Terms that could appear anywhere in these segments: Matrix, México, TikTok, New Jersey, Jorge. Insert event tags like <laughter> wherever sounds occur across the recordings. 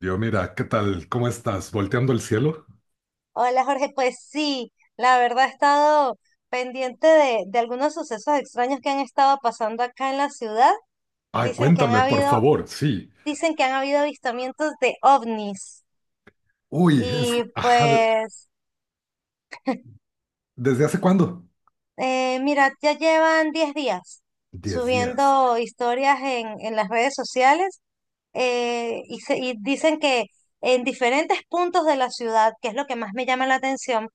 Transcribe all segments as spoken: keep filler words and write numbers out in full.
Yo, mira, ¿qué tal? ¿Cómo estás? ¿Volteando el cielo? Hola Jorge, pues sí, la verdad he estado pendiente de, de algunos sucesos extraños que han estado pasando acá en la ciudad. Ay, Dicen que han cuéntame, por habido, favor, sí. dicen que han habido avistamientos de ovnis. Uy, es, Y ajá, de- pues, ¿desde hace cuándo? eh, mira, ya llevan diez días Diez días. subiendo historias en, en las redes sociales. Eh, y, se- y dicen que en diferentes puntos de la ciudad, que es lo que más me llama la atención,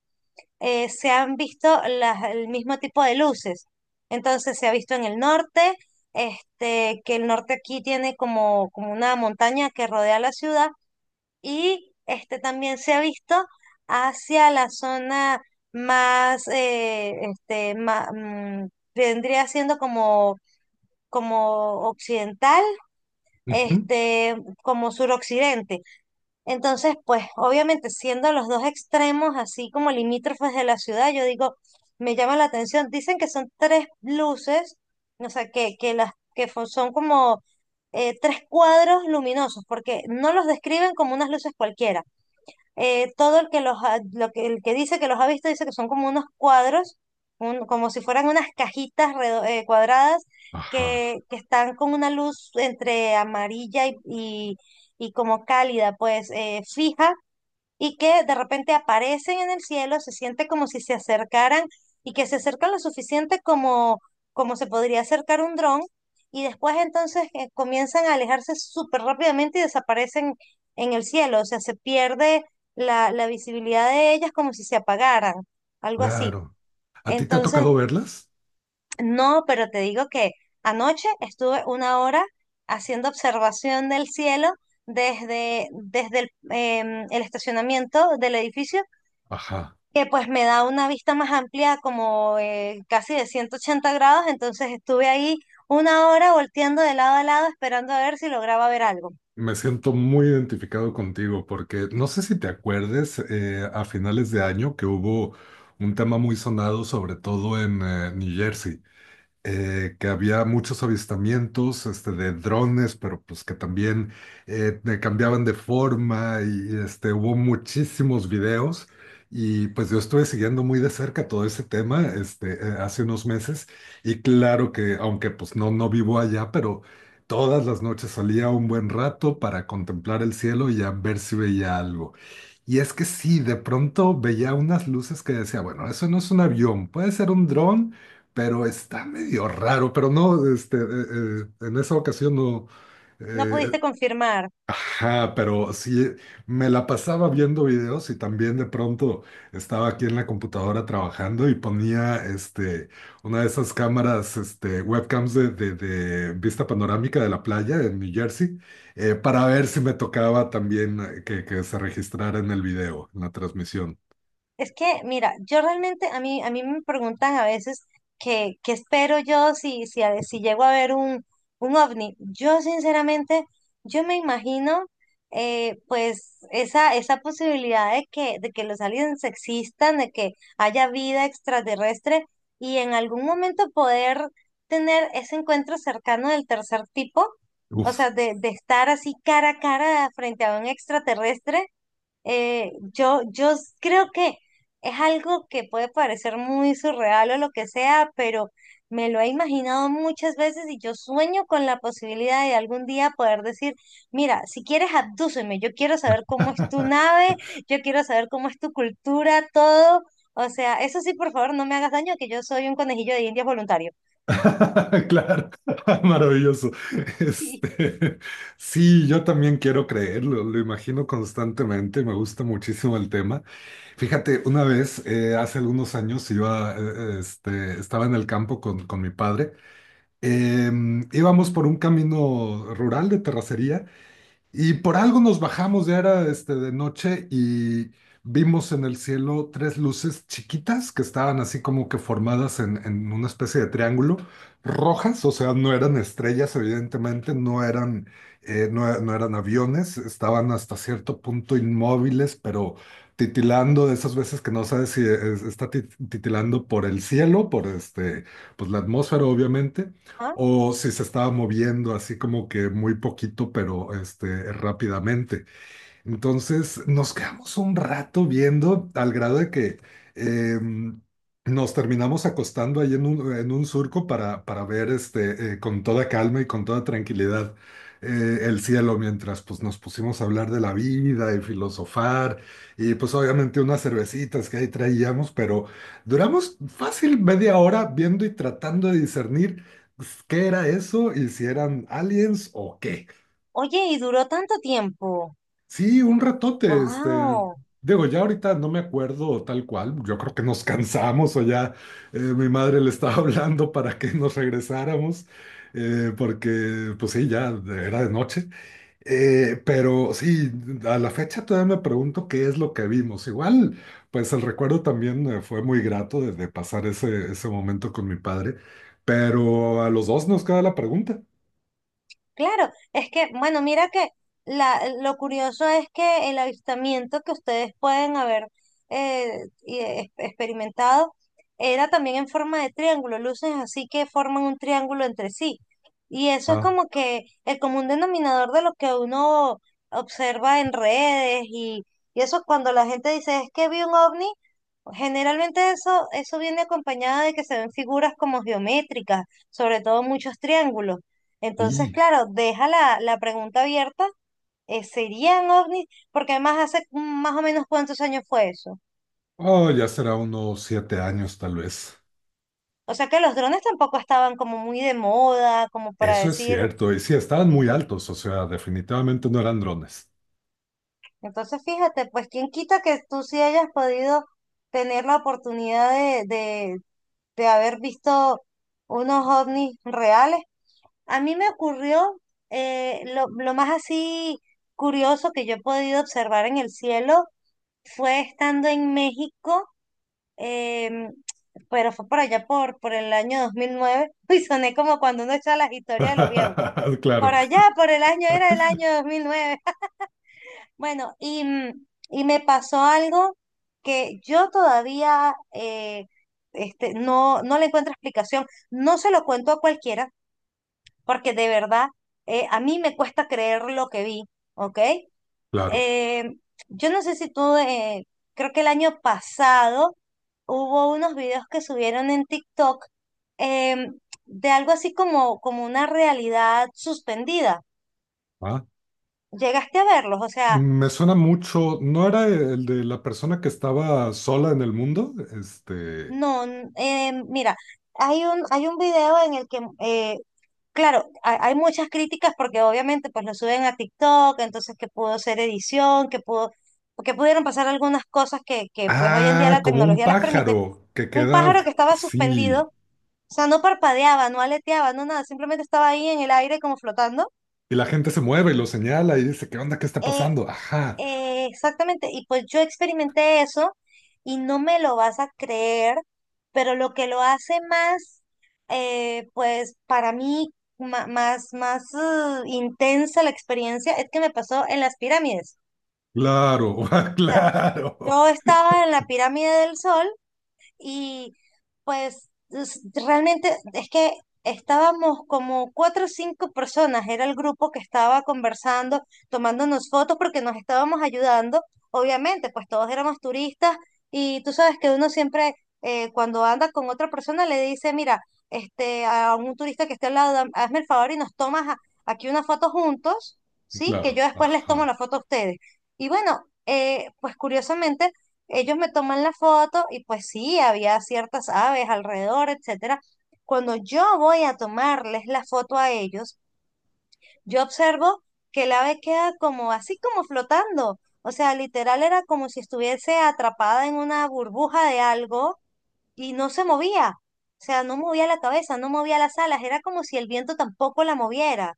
eh, se han visto las, el mismo tipo de luces. Entonces se ha visto en el norte, este, que el norte aquí tiene como, como una montaña que rodea la ciudad, y este, también se ha visto hacia la zona más, eh, este, ma- mm, vendría siendo como, como occidental, Ujú. este, como suroccidente. Entonces, pues obviamente siendo los dos extremos así como limítrofes de la ciudad, yo digo, me llama la atención. Dicen que son tres luces, o sea, que, que las que fo- son como eh, tres cuadros luminosos, porque no los describen como unas luces cualquiera. eh, todo el que los ha- lo que, el que dice que los ha visto dice que son como unos cuadros, un- como si fueran unas cajitas redo- eh, cuadradas, Ajá, que, que están con una luz entre amarilla y, y, y como cálida, pues eh, fija, y que de repente aparecen en el cielo, se siente como si se acercaran y que se acercan lo suficiente como, como se podría acercar un dron, y después entonces eh, comienzan a alejarse súper rápidamente y desaparecen en el cielo, o sea, se pierde la, la visibilidad de ellas como si se apagaran, algo así. claro. ¿A ti te ha Entonces, tocado verlas? no, pero te digo que anoche estuve una hora haciendo observación del cielo desde, desde el, em, el estacionamiento del edificio, Ajá. que pues me da una vista más amplia, como eh, casi de ciento ochenta grados, entonces estuve ahí una hora volteando de lado a lado esperando a ver si lograba ver algo. Me siento muy identificado contigo porque no sé si te acuerdes eh, a finales de año que hubo un tema muy sonado, sobre todo en eh, New Jersey. Eh, que había muchos avistamientos este, de drones, pero pues que también eh, te cambiaban de forma y este, hubo muchísimos videos. Y pues yo estuve siguiendo muy de cerca todo ese tema este, eh, hace unos meses y claro que aunque pues no, no vivo allá, pero todas las noches salía un buen rato para contemplar el cielo y a ver si veía algo. Y es que sí, de pronto veía unas luces que decía, bueno, eso no es un avión, puede ser un dron, pero está medio raro, pero no, este, eh, eh, en esa ocasión no, No eh, pudiste confirmar. ajá, pero sí, me la pasaba viendo videos y también de pronto estaba aquí en la computadora trabajando y ponía, este, una de esas cámaras, este, webcams de, de- de vista panorámica de la playa en New Jersey, eh, para ver si me tocaba también eh, que, que se registrara en el video, en la transmisión. Es que, mira, yo realmente, a mí, a mí me preguntan a veces que, qué espero yo si, si, a- si llego a ver un, un ovni. Yo, sinceramente, yo me imagino, eh, pues, esa, esa posibilidad de que, de que los aliens existan, de que haya vida extraterrestre y en algún momento poder tener ese encuentro cercano del tercer tipo, o Uf. sea, de, de estar así cara a cara frente a un extraterrestre. Eh, yo, yo s- creo que es algo que puede parecer muy surreal o lo que sea, pero me lo he imaginado muchas veces y yo sueño con la posibilidad de algún día poder decir, mira, si quieres abdúceme, yo quiero saber cómo es tu <laughs> nave, yo quiero saber cómo es tu cultura, todo. O sea, eso sí, por favor, no me hagas daño, que yo soy un conejillo de Indias voluntario. <laughs> Claro, <laughs> maravilloso. <laughs> Este, sí, yo también quiero creerlo, lo imagino constantemente, me gusta muchísimo el tema. Fíjate, una vez, eh, hace algunos años, iba, eh, este, estaba en el campo con, con mi padre. Em, íbamos por un camino rural de terracería y por algo nos bajamos, ya era este, de noche y vimos en el cielo tres luces chiquitas que estaban así como que formadas en, en una especie de triángulo, rojas, o sea, no eran estrellas, evidentemente, no eran, eh, no, no eran aviones, estaban hasta cierto punto inmóviles, pero titilando de esas veces que no sabes si es- está tit- titilando por el cielo, por este, pues la atmósfera, obviamente ¿Ah? o si se estaba moviendo así como que muy poquito, pero este, rápidamente. Entonces nos quedamos un rato viendo al grado de que eh, nos terminamos acostando ahí en un, en un surco para, para ver este, eh, con toda calma y con toda tranquilidad eh, el cielo mientras pues, nos pusimos a hablar de la vida y filosofar y pues obviamente unas cervecitas que ahí traíamos, pero duramos fácil media hora viendo y tratando de discernir pues, qué era eso y si eran aliens o qué. Oye, y duró tanto tiempo. Sí, un ratote, este, ¡Wow! digo, ya ahorita no me acuerdo tal cual, yo creo que nos cansamos o ya eh, mi madre le estaba <laughs> hablando para que nos regresáramos, eh, porque pues sí, ya era de noche. Eh, pero sí, a la fecha todavía me pregunto qué es lo que vimos, igual, pues el recuerdo también eh, fue muy grato de, de pasar ese, ese momento con mi padre, pero a los dos nos queda la pregunta. Claro, es que, bueno, mira que la, lo curioso es que el avistamiento que ustedes pueden haber eh, y, eh, experimentado era también en forma de triángulo, luces así que forman un triángulo entre sí. Y eso es Ah, como que el común denominador de lo que uno observa en redes, y, y eso cuando la gente dice es que vi un ovni, generalmente eso, eso viene acompañado de que se ven figuras como geométricas, sobre todo muchos triángulos. Entonces, y, claro, deja la, la pregunta abierta. eh, ¿serían ovnis? Porque además hace mm, más o menos cuántos años fue eso. oh, ya será unos siete años tal vez. O sea que los drones tampoco estaban como muy de moda, como para Eso es decir. cierto, y sí, estaban muy altos, o sea, definitivamente no eran drones. Entonces, fíjate, pues quién quita que tú sí hayas podido tener la oportunidad de, de, de haber visto unos ovnis reales. A mí me ocurrió, eh, lo, lo más así curioso que yo he podido observar en el cielo fue estando en México, em, pero fue por allá por, por el año dos mil nueve. <laughs> Uy, soné como cuando uno echa las historias de los viejos. <laughs> Claro, Por allá, por el año, era el año dos mil nueve. <laughs> Bueno, y, mm, y me pasó algo que yo todavía eh, este, no, no le encuentro explicación. No se lo cuento a cualquiera, porque de verdad, eh, a mí me cuesta creer lo que vi, ¿ok? claro. eh, yo no sé si tú, eh, creo que el año pasado hubo unos videos que subieron en TikTok, em, de algo así como, como una realidad suspendida. Ah, ¿Llegaste a verlos? O sea, me suena mucho, ¿no era el de la persona que estaba sola en el mundo? Este, no, n- em, mira, hay un, hay un video en el que eh, claro, hay, hay muchas críticas porque obviamente pues lo suben a TikTok, entonces que pudo ser edición, que pudo, que pudieron pasar algunas cosas que, que pues hoy en día ah, la como un tecnología las permite. pájaro que Un queda pájaro que estaba suspendido, así, o sea, no parpadeaba, no aleteaba, no nada, simplemente estaba ahí en el aire como flotando. y la gente se mueve y lo señala y dice, ¿qué onda? ¿Qué está Eh, pasando? Ajá, eh, exactamente, y pues yo experimenté eso y no me lo vas a creer, pero lo que lo hace más, eh, pues para mí, ma- más, más eh, intensa la experiencia es que me pasó en las pirámides. claro, <laughs> O sea, claro, yo estaba en la pirámide del Sol, y pues es- realmente es que estábamos como cuatro o cinco personas, era el grupo que estaba conversando, tomándonos fotos porque nos estábamos ayudando. Obviamente, pues todos éramos turistas, y tú sabes que uno siempre, eh, cuando anda con otra persona le dice, mira, este, a un turista que esté al lado, dam- hazme el favor y nos tomas a- aquí una foto juntos, ¿sí? Que claro, yo después les tomo ajá, la foto a ustedes. Y bueno, eh, pues curiosamente ellos me toman la foto y pues sí, había ciertas aves alrededor, etcétera. Cuando yo voy a tomarles la foto a ellos, yo observo que el ave queda como así como flotando. O sea, literal era como si estuviese atrapada en una burbuja de algo y no se movía. O sea, no movía la cabeza, no movía las alas, era como si el viento tampoco la moviera.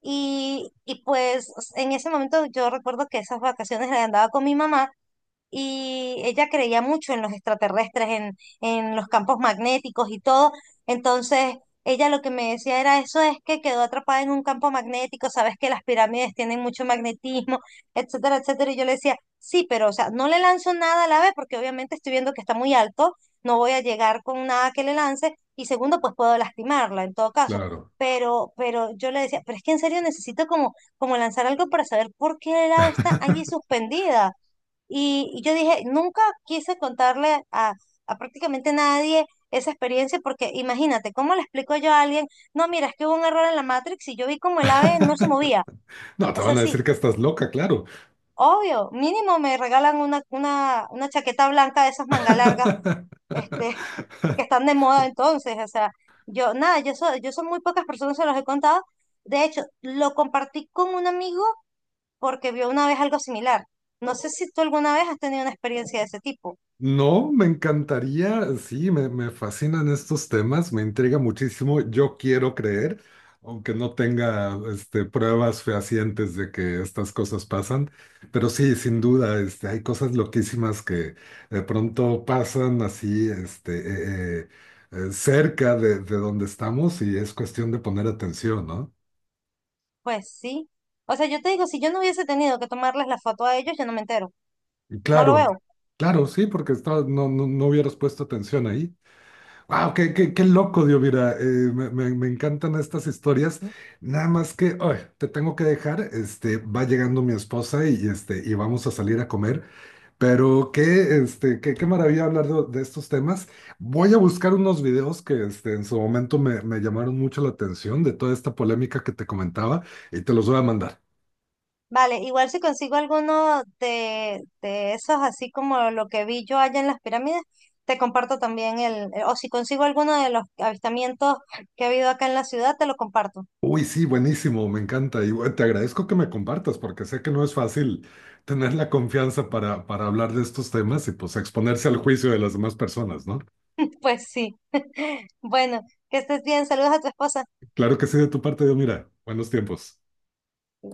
Y, y pues en ese momento yo recuerdo que esas vacaciones las andaba con mi mamá, y ella creía mucho en los extraterrestres, en, en los campos magnéticos y todo. Entonces, ella lo que me decía era eso es que quedó atrapada en un campo magnético, sabes que las pirámides tienen mucho magnetismo, etcétera, etcétera. Y yo le decía, sí, pero o sea, no le lanzo nada a la ave porque obviamente estoy viendo que está muy alto, no voy a llegar con nada que le lance y segundo, pues puedo lastimarla en todo caso. claro. Pero, pero yo le decía, pero es que en serio necesito como, como lanzar algo para saber por qué el ave está allí suspendida. Y, y yo dije, nunca quise contarle a, a prácticamente nadie esa experiencia porque imagínate, ¿cómo le explico yo a alguien? No, mira, es que hubo un error en la Matrix y yo vi como el ave no se movía. No, te O sea, van a sí, decir que estás loca, claro. obvio, mínimo me regalan una, una, una chaqueta blanca de esas mangas largas, este, <laughs> <laughs> que están de moda entonces. O sea, yo, nada, yo soy, yo soy muy pocas personas se los he contado. De hecho, lo compartí con un amigo porque vio una vez algo similar. No sé si tú alguna vez has tenido una experiencia de ese tipo. No, me encantaría, sí, me, me fascinan estos temas, me intriga muchísimo. Yo quiero creer, aunque no tenga este, pruebas fehacientes de que estas cosas pasan, pero sí, sin duda, este, hay cosas loquísimas que de pronto pasan así este, eh, eh, eh, cerca de, de donde estamos y es cuestión de poner atención, ¿no? Pues sí. O sea, yo te digo, si yo no hubiese tenido que tomarles la foto a ellos, yo no me entero. Y No lo claro, veo. claro, sí, porque estaba- no, no, no hubieras puesto atención ahí. Wow, qué, qué, qué loco, Dios, mira, eh, me, me- me encantan estas historias. Nada más que, ay, te tengo que dejar, este, va llegando mi esposa y, este, y vamos a salir a comer, pero qué, este, qué, qué maravilla hablar de, de estos temas. Voy a buscar unos videos que, este, en su momento me, me llamaron mucho la atención de toda esta polémica que te comentaba y te los voy a mandar. Vale, igual si consigo alguno de, de esos, así como lo que vi yo allá en las pirámides, te comparto también el, eh, o si consigo alguno de los avistamientos que ha habido acá en la ciudad, te lo comparto. Uy, sí, buenísimo, me encanta. Y bueno, te agradezco que me compartas porque sé que no es fácil tener la confianza para, para hablar de estos temas y pues exponerse al juicio de las demás personas, ¿no? <laughs> Pues sí. <laughs> Bueno, que estés bien. Saludos a tu esposa. Claro que sí, de tu parte, Dios, mira, buenos tiempos.